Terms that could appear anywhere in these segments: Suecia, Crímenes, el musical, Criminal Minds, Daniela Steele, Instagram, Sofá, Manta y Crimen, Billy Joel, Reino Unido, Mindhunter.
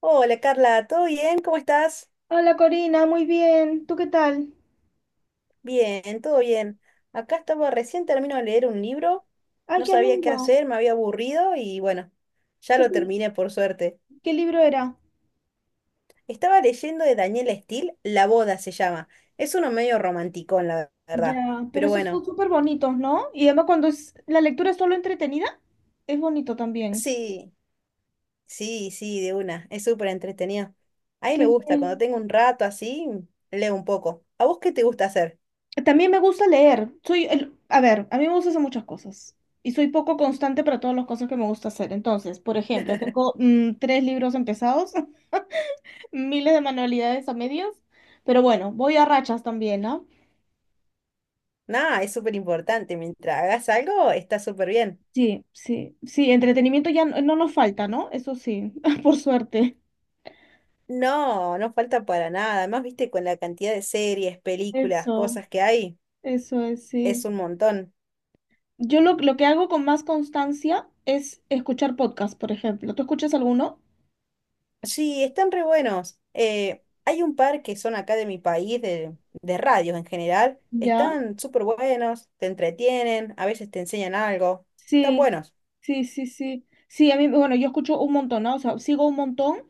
Hola Carla, ¿todo bien? ¿Cómo estás? Hola Corina, muy bien. ¿Tú qué tal? Bien, todo bien. Acá estaba, recién termino de leer un libro, Ay, no ¿qué has sabía qué leído? hacer, me había aburrido y bueno, ya ¿Qué, es- lo terminé por suerte. qué libro era? Estaba leyendo de Daniela Steele, La boda se llama. Es uno medio romántico, la verdad. Ya, pero Pero esos son bueno, súper bonitos, ¿no? Y además cuando es, la lectura es solo entretenida, es bonito también. sí, sí, sí, de una. Es súper entretenido. A mí me Qué gusta, cuando bien. tengo un rato así, leo un poco. ¿A vos qué te gusta hacer? También me gusta leer. A ver, a mí me gusta hacer muchas cosas y soy poco constante para todas las cosas que me gusta hacer. Entonces, por ejemplo, tengo tres libros empezados, miles de manualidades a medias, pero bueno, voy a rachas también, ¿no? Nada, es súper importante. Mientras hagas algo, está súper bien. Sí, sí, sí, entretenimiento ya no nos falta, ¿no? Eso sí, por suerte. No, no falta para nada. Además, viste, con la cantidad de series, películas, Eso, cosas que hay, eso es, sí. es un montón. Yo lo que hago con más constancia es escuchar podcast, por ejemplo. ¿Tú escuchas alguno? Sí, están re buenos. Hay un par que son acá de mi país, de radios en general. ¿Ya? Están súper buenos, te entretienen, a veces te enseñan algo. Están Sí, buenos. sí, sí, sí. Sí, a mí, bueno, yo escucho un montón, ¿no? O sea, sigo un montón.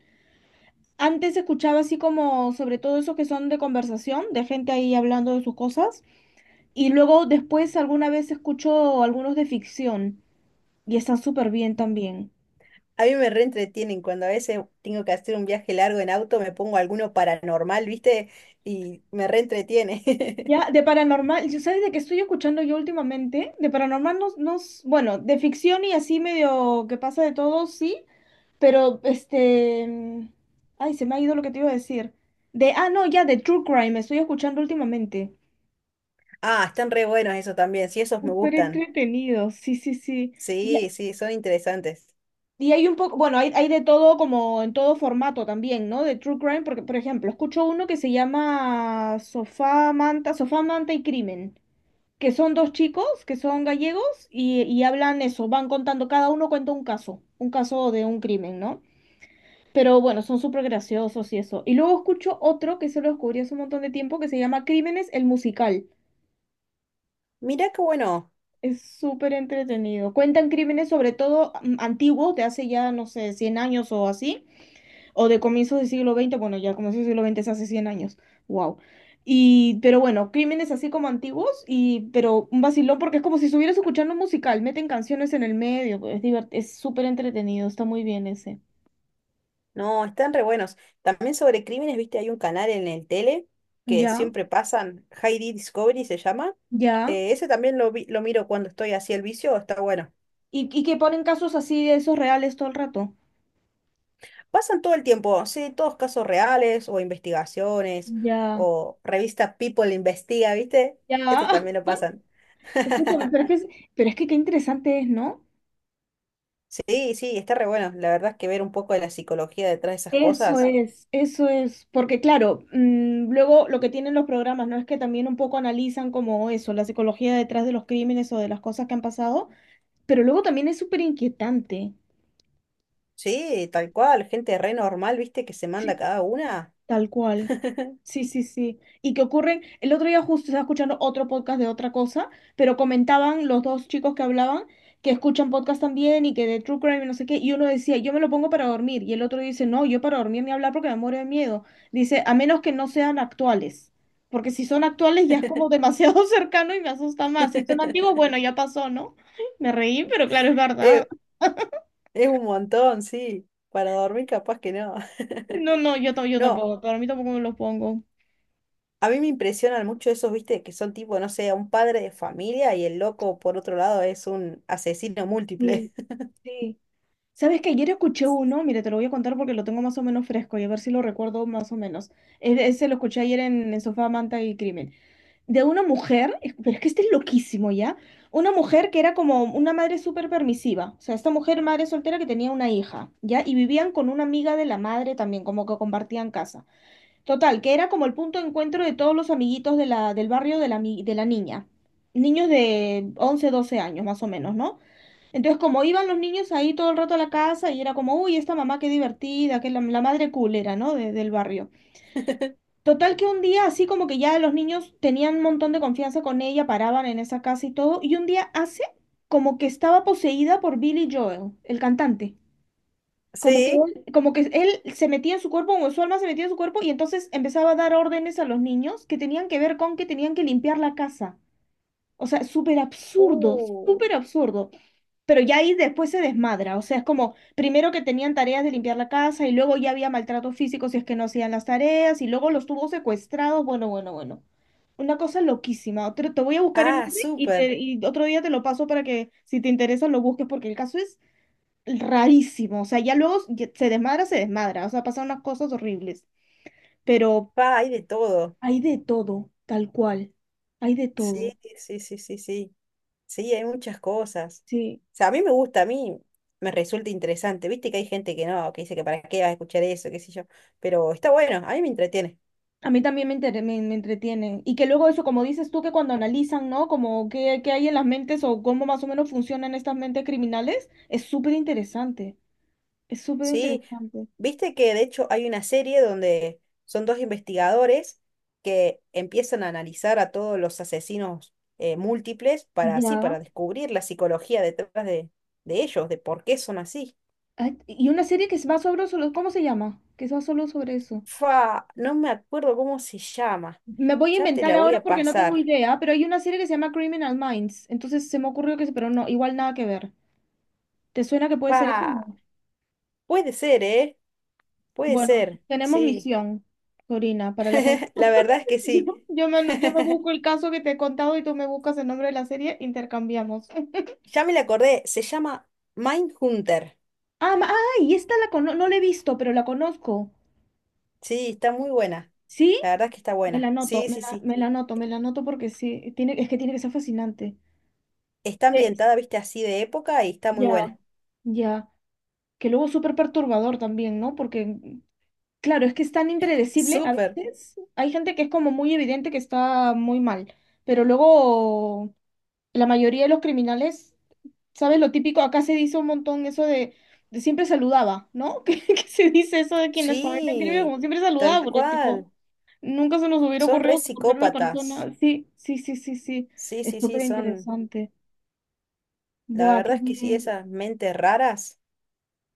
Antes escuchaba así como sobre todo esos que son de conversación, de gente ahí hablando de sus cosas. Y luego después alguna vez escucho algunos de ficción y están súper bien también. A mí me reentretienen cuando a veces tengo que hacer un viaje largo en auto, me pongo alguno paranormal, viste, y me reentretiene. Ya, de paranormal, ¿sabes de qué estoy escuchando yo últimamente? De paranormal no, no, bueno, de ficción y así medio que pasa de todo, sí, pero este, ay, se me ha ido lo que te iba a decir. De, ah, no, ya, de True Crime, estoy escuchando últimamente. Ah, están re buenos eso también. Sí, esos me Súper gustan. entretenido, sí, sí, sí. Y, Sí, sí, son interesantes. y hay un poco, bueno, hay de todo como en todo formato también, ¿no? De True Crime, porque, por ejemplo, escucho uno que se llama Sofá, Manta y Crimen, que son dos chicos que son gallegos y hablan eso, van contando, cada uno cuenta un caso de un crimen, ¿no? Pero bueno, son súper graciosos y eso. Y luego escucho otro que se lo descubrí hace un montón de tiempo que se llama Crímenes, el musical. Mirá qué bueno. Es súper entretenido. Cuentan crímenes sobre todo antiguos, de hace ya, no sé, 100 años o así, o de comienzos del siglo XX, bueno, ya comienzos del siglo XX es hace 100 años, wow. Y, pero bueno, crímenes así como antiguos, y, pero un vacilón porque es como si estuvieras escuchando un musical, meten canciones en el medio, pues, es súper entretenido, está muy bien ese. No, están re buenos. También sobre crímenes, viste, hay un canal en el tele que Ya, siempre pasan, Heidi Discovery se llama. ya. Ese también lo miro cuando estoy así el vicio, está bueno. Y que ponen casos así de esos reales todo el rato. Pasan todo el tiempo, sí, todos casos reales o investigaciones Ya, o revista People Investiga, ¿viste? ya. Eso también lo pasan. Escúchame, pero es que qué interesante es, ¿no? Sí, sí, está re bueno. La verdad es que ver un poco de la psicología detrás de esas cosas. Eso es, porque claro, luego lo que tienen los programas, ¿no? Es que también un poco analizan como eso, la psicología detrás de los crímenes o de las cosas que han pasado, pero luego también es súper inquietante. Sí, tal cual, gente re normal, ¿viste? Que se manda cada una. Tal cual. Sí, sí, sí. Y que ocurren, el otro día justo estaba escuchando otro podcast de otra cosa, pero comentaban los dos chicos que hablaban que escuchan podcast también y que de True Crime y no sé qué, y uno decía, yo me lo pongo para dormir, y el otro dice, no, yo para dormir ni hablar porque me muero de miedo. Dice, a menos que no sean actuales, porque si son actuales ya es como demasiado cercano y me asusta más. Si son antiguos, bueno, ya pasó, ¿no? Me reí, pero claro, es verdad. Eh, es un montón, sí. Para dormir capaz que no. No, no, yo, yo No, tampoco, para mí tampoco me los pongo. a mí me impresionan mucho esos, viste, que son tipo, no sé, un padre de familia y el loco por otro lado es un asesino Sí, múltiple. sí. ¿Sabes que ayer escuché uno? Mira, te lo voy a contar porque lo tengo más o menos fresco y a ver si lo recuerdo más o menos. Ese lo escuché ayer en Sofá, Manta y Crimen. De una mujer, pero es que este es loquísimo, ¿ya? Una mujer que era como una madre súper permisiva. O sea, esta mujer, madre soltera que tenía una hija, ¿ya? Y vivían con una amiga de la madre también, como que compartían casa. Total, que era como el punto de encuentro de todos los amiguitos de del barrio de de la niña. Niños de 11 12 años, más o menos, ¿no? Entonces, como iban los niños ahí todo el rato a la casa y era como, uy, esta mamá qué divertida, que la madre culera, ¿no? Del barrio. Total que un día, así como que ya los niños tenían un montón de confianza con ella, paraban en esa casa y todo, y un día hace como que estaba poseída por Billy Joel, el cantante. Sí. Como que él se metía en su cuerpo, o su alma se metía en su cuerpo, y entonces empezaba a dar órdenes a los niños que tenían que ver con que tenían que limpiar la casa. O sea, súper absurdo, Uh. súper absurdo. Pero ya ahí después se desmadra, o sea, es como primero que tenían tareas de limpiar la casa y luego ya había maltrato físico si es que no hacían las tareas y luego los tuvo secuestrados, bueno, bueno, bueno. Una cosa loquísima. Te voy a buscar el Ah, nombre y, te- súper. y otro día te lo paso para que si te interesa lo busques porque el caso es rarísimo, o sea, ya luego se desmadra, o sea, pasan unas cosas horribles, pero Pa, hay de todo. hay de todo, tal cual, hay de Sí, todo. sí, sí, sí, sí. Sí, hay muchas cosas. Sí. O sea, a mí me gusta, a mí me resulta interesante. Viste que hay gente que no, que dice que para qué vas a escuchar eso, qué sé yo. Pero está bueno, a mí me entretiene. A mí también me entretiene. Y que luego eso, como dices tú, que cuando analizan, ¿no? Como qué hay en las mentes o cómo más o menos funcionan estas mentes criminales, es súper interesante. Es súper Sí, interesante. viste que de hecho hay una serie donde son dos investigadores que empiezan a analizar a todos los asesinos múltiples para así, Ya. para descubrir la psicología detrás de ellos, de por qué son así. Ay, y una serie que es más ¿cómo se llama? Que es más solo sobre eso. Fa, no me acuerdo cómo se llama. Me voy a Ya te inventar la voy ahora a porque no tengo pasar. idea, pero hay una serie que se llama Criminal Minds. Entonces se me ocurrió que, sí, pero no, igual nada que ver. ¿Te suena que puede ser eso? Fa, No. puede ser, ¿eh? Puede Bueno, ser, tenemos sí. misión, Corina, para la... La verdad es que sí. Yo, yo me busco el caso que te he contado y tú me buscas el nombre de la serie, intercambiamos. Ya me la acordé, se llama Mindhunter. Ah, ay, esta la cono no la he visto, pero la conozco. Sí, está muy buena. ¿Sí? La verdad es que está Me la buena. anoto, Sí, sí, sí. Me la anoto porque sí, tiene, es que tiene que ser fascinante. Está Eh, ambientada, viste, así de época y está muy ya, buena. ya. Que luego es súper perturbador también, ¿no? Porque, claro, es que es tan impredecible. A Súper. veces hay gente que es como muy evidente que está muy mal, pero luego la mayoría de los criminales, ¿sabes? Lo típico, acá se dice un montón eso de siempre saludaba, ¿no? Que se dice eso de quienes cometen crímenes Sí, como siempre saludaba, tal porque tipo, cual. nunca se nos hubiera Son re ocurrido que porque era una psicópatas. persona. Sí, sí, sí, sí, sí. Sí, Es sí, sí, súper son. interesante. La Buah, qué verdad es que sí, bien. esas mentes raras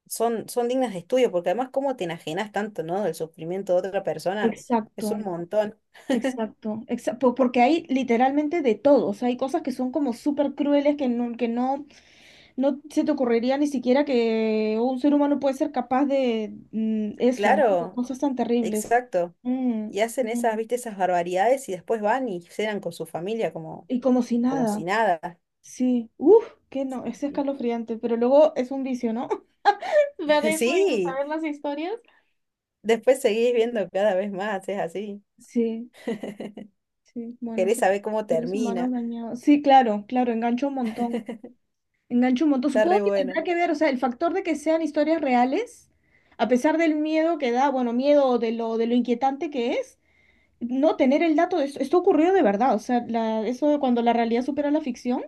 son, son dignas de estudio, porque además, ¿cómo te enajenas tanto, ¿no? Del sufrimiento de otra persona. Es Exacto, un montón. exacto, exacto. Porque hay literalmente de todo. O sea, hay cosas que son como súper crueles que no, que no. No se te ocurriría ni siquiera que un ser humano puede ser capaz de eso, ¿no? De Claro, cosas tan terribles. exacto. Mm, Y hacen esas, mm. viste, esas barbaridades y después van y cenan con su familia como, Y como si como si nada. nada. Sí. Uf, que Sí, no, es sí. escalofriante, pero luego es un vicio, ¿no? Ver eso y Sí, saber las historias. después seguís viendo cada vez más, es así. Sí, sí. Bueno, Querés saber cómo seres humanos termina, dañados. Sí, claro, claro, engancho un montón. Engancho un montón. está Supongo re que bueno. tendrá que ver, o sea, el factor de que sean historias reales, a pesar del miedo que da, bueno, miedo de de lo inquietante que es, no tener el dato de esto ocurrió de verdad, o sea, la, eso de cuando la realidad supera la ficción.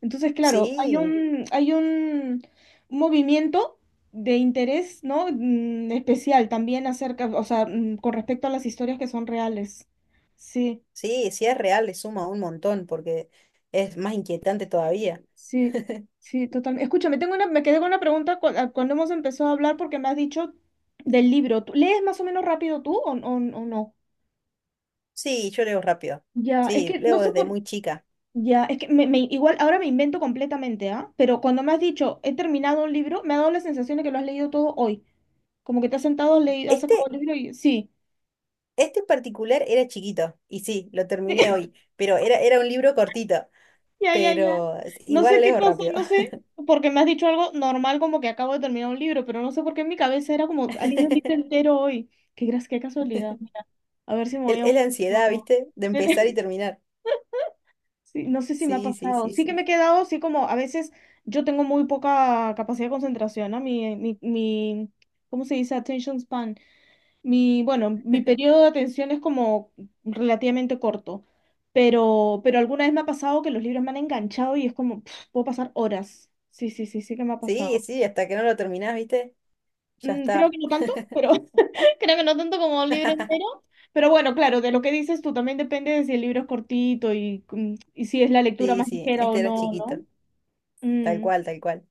Entonces, claro, Sí, hay un movimiento de interés, ¿no? Especial también acerca, o sea, con respecto a las historias que son reales. Sí, sí, si es real, le suma un montón porque es más inquietante todavía. sí, sí, totalmente. Escúchame, tengo una, me quedé con una pregunta cuando hemos empezado a hablar porque me has dicho del libro. ¿Lees más o menos rápido tú o, o no? Sí, yo leo rápido. Ya, es Sí, que no leo sé desde por, muy chica. ya, es que me, igual ahora me invento completamente, ¿ah? Pero cuando me has dicho, he terminado un libro, me ha dado la sensación de que lo has leído todo hoy. Como que te has sentado, has leído, has sacado Este, el libro y sí. este en particular era chiquito, y sí, lo terminé hoy, pero era un libro cortito, Ya, ya, ya. pero es- No igual sé qué leo cosa, rápido. no sé, porque me has dicho algo normal como que acabo de terminar un libro, pero no sé por qué en mi cabeza era como, ha leído un libro entero hoy. Qué casualidad. Mira, a ver si me voy Es a... es la ansiedad, no. ¿viste? De empezar y terminar. Sí, no sé si me ha Sí, sí, pasado. sí, Sí que me sí. he quedado así como a veces yo tengo muy poca capacidad de concentración, ¿no? Mi, ¿cómo se dice? Attention span. Bueno, mi periodo de atención es como relativamente corto, pero alguna vez me ha pasado que los libros me han enganchado y es como, pf, puedo pasar horas. Sí, sí, sí, sí que me ha Sí, pasado. sí, hasta que no lo terminás, ¿viste? Ya Creo está. que no tanto, pero creo que no tanto como un libro entero. Pero bueno, claro, de lo que dices tú también depende de si el libro es cortito y, y si es la lectura Sí, más sí, ligera o este era no, ¿no? chiquito. Tal Mm, cual, tal cual.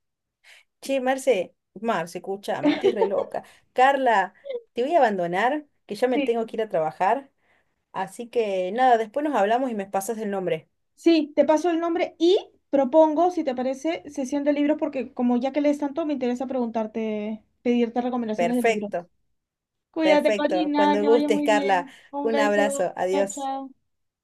Che, Marce, escucha, me estoy re loca. Carla, te voy a abandonar, que ya me tengo sí, que ir a trabajar. Así que nada, después nos hablamos y me pasas el nombre. sí, te paso el nombre y propongo, si te parece, sesión de libros, porque como ya que lees tanto, me interesa preguntarte, pedirte recomendaciones de libros. Perfecto, Cuídate, perfecto. Corina, Cuando que vaya gustes, muy Carla. bien. Un Un beso. abrazo, Chao, adiós. chao.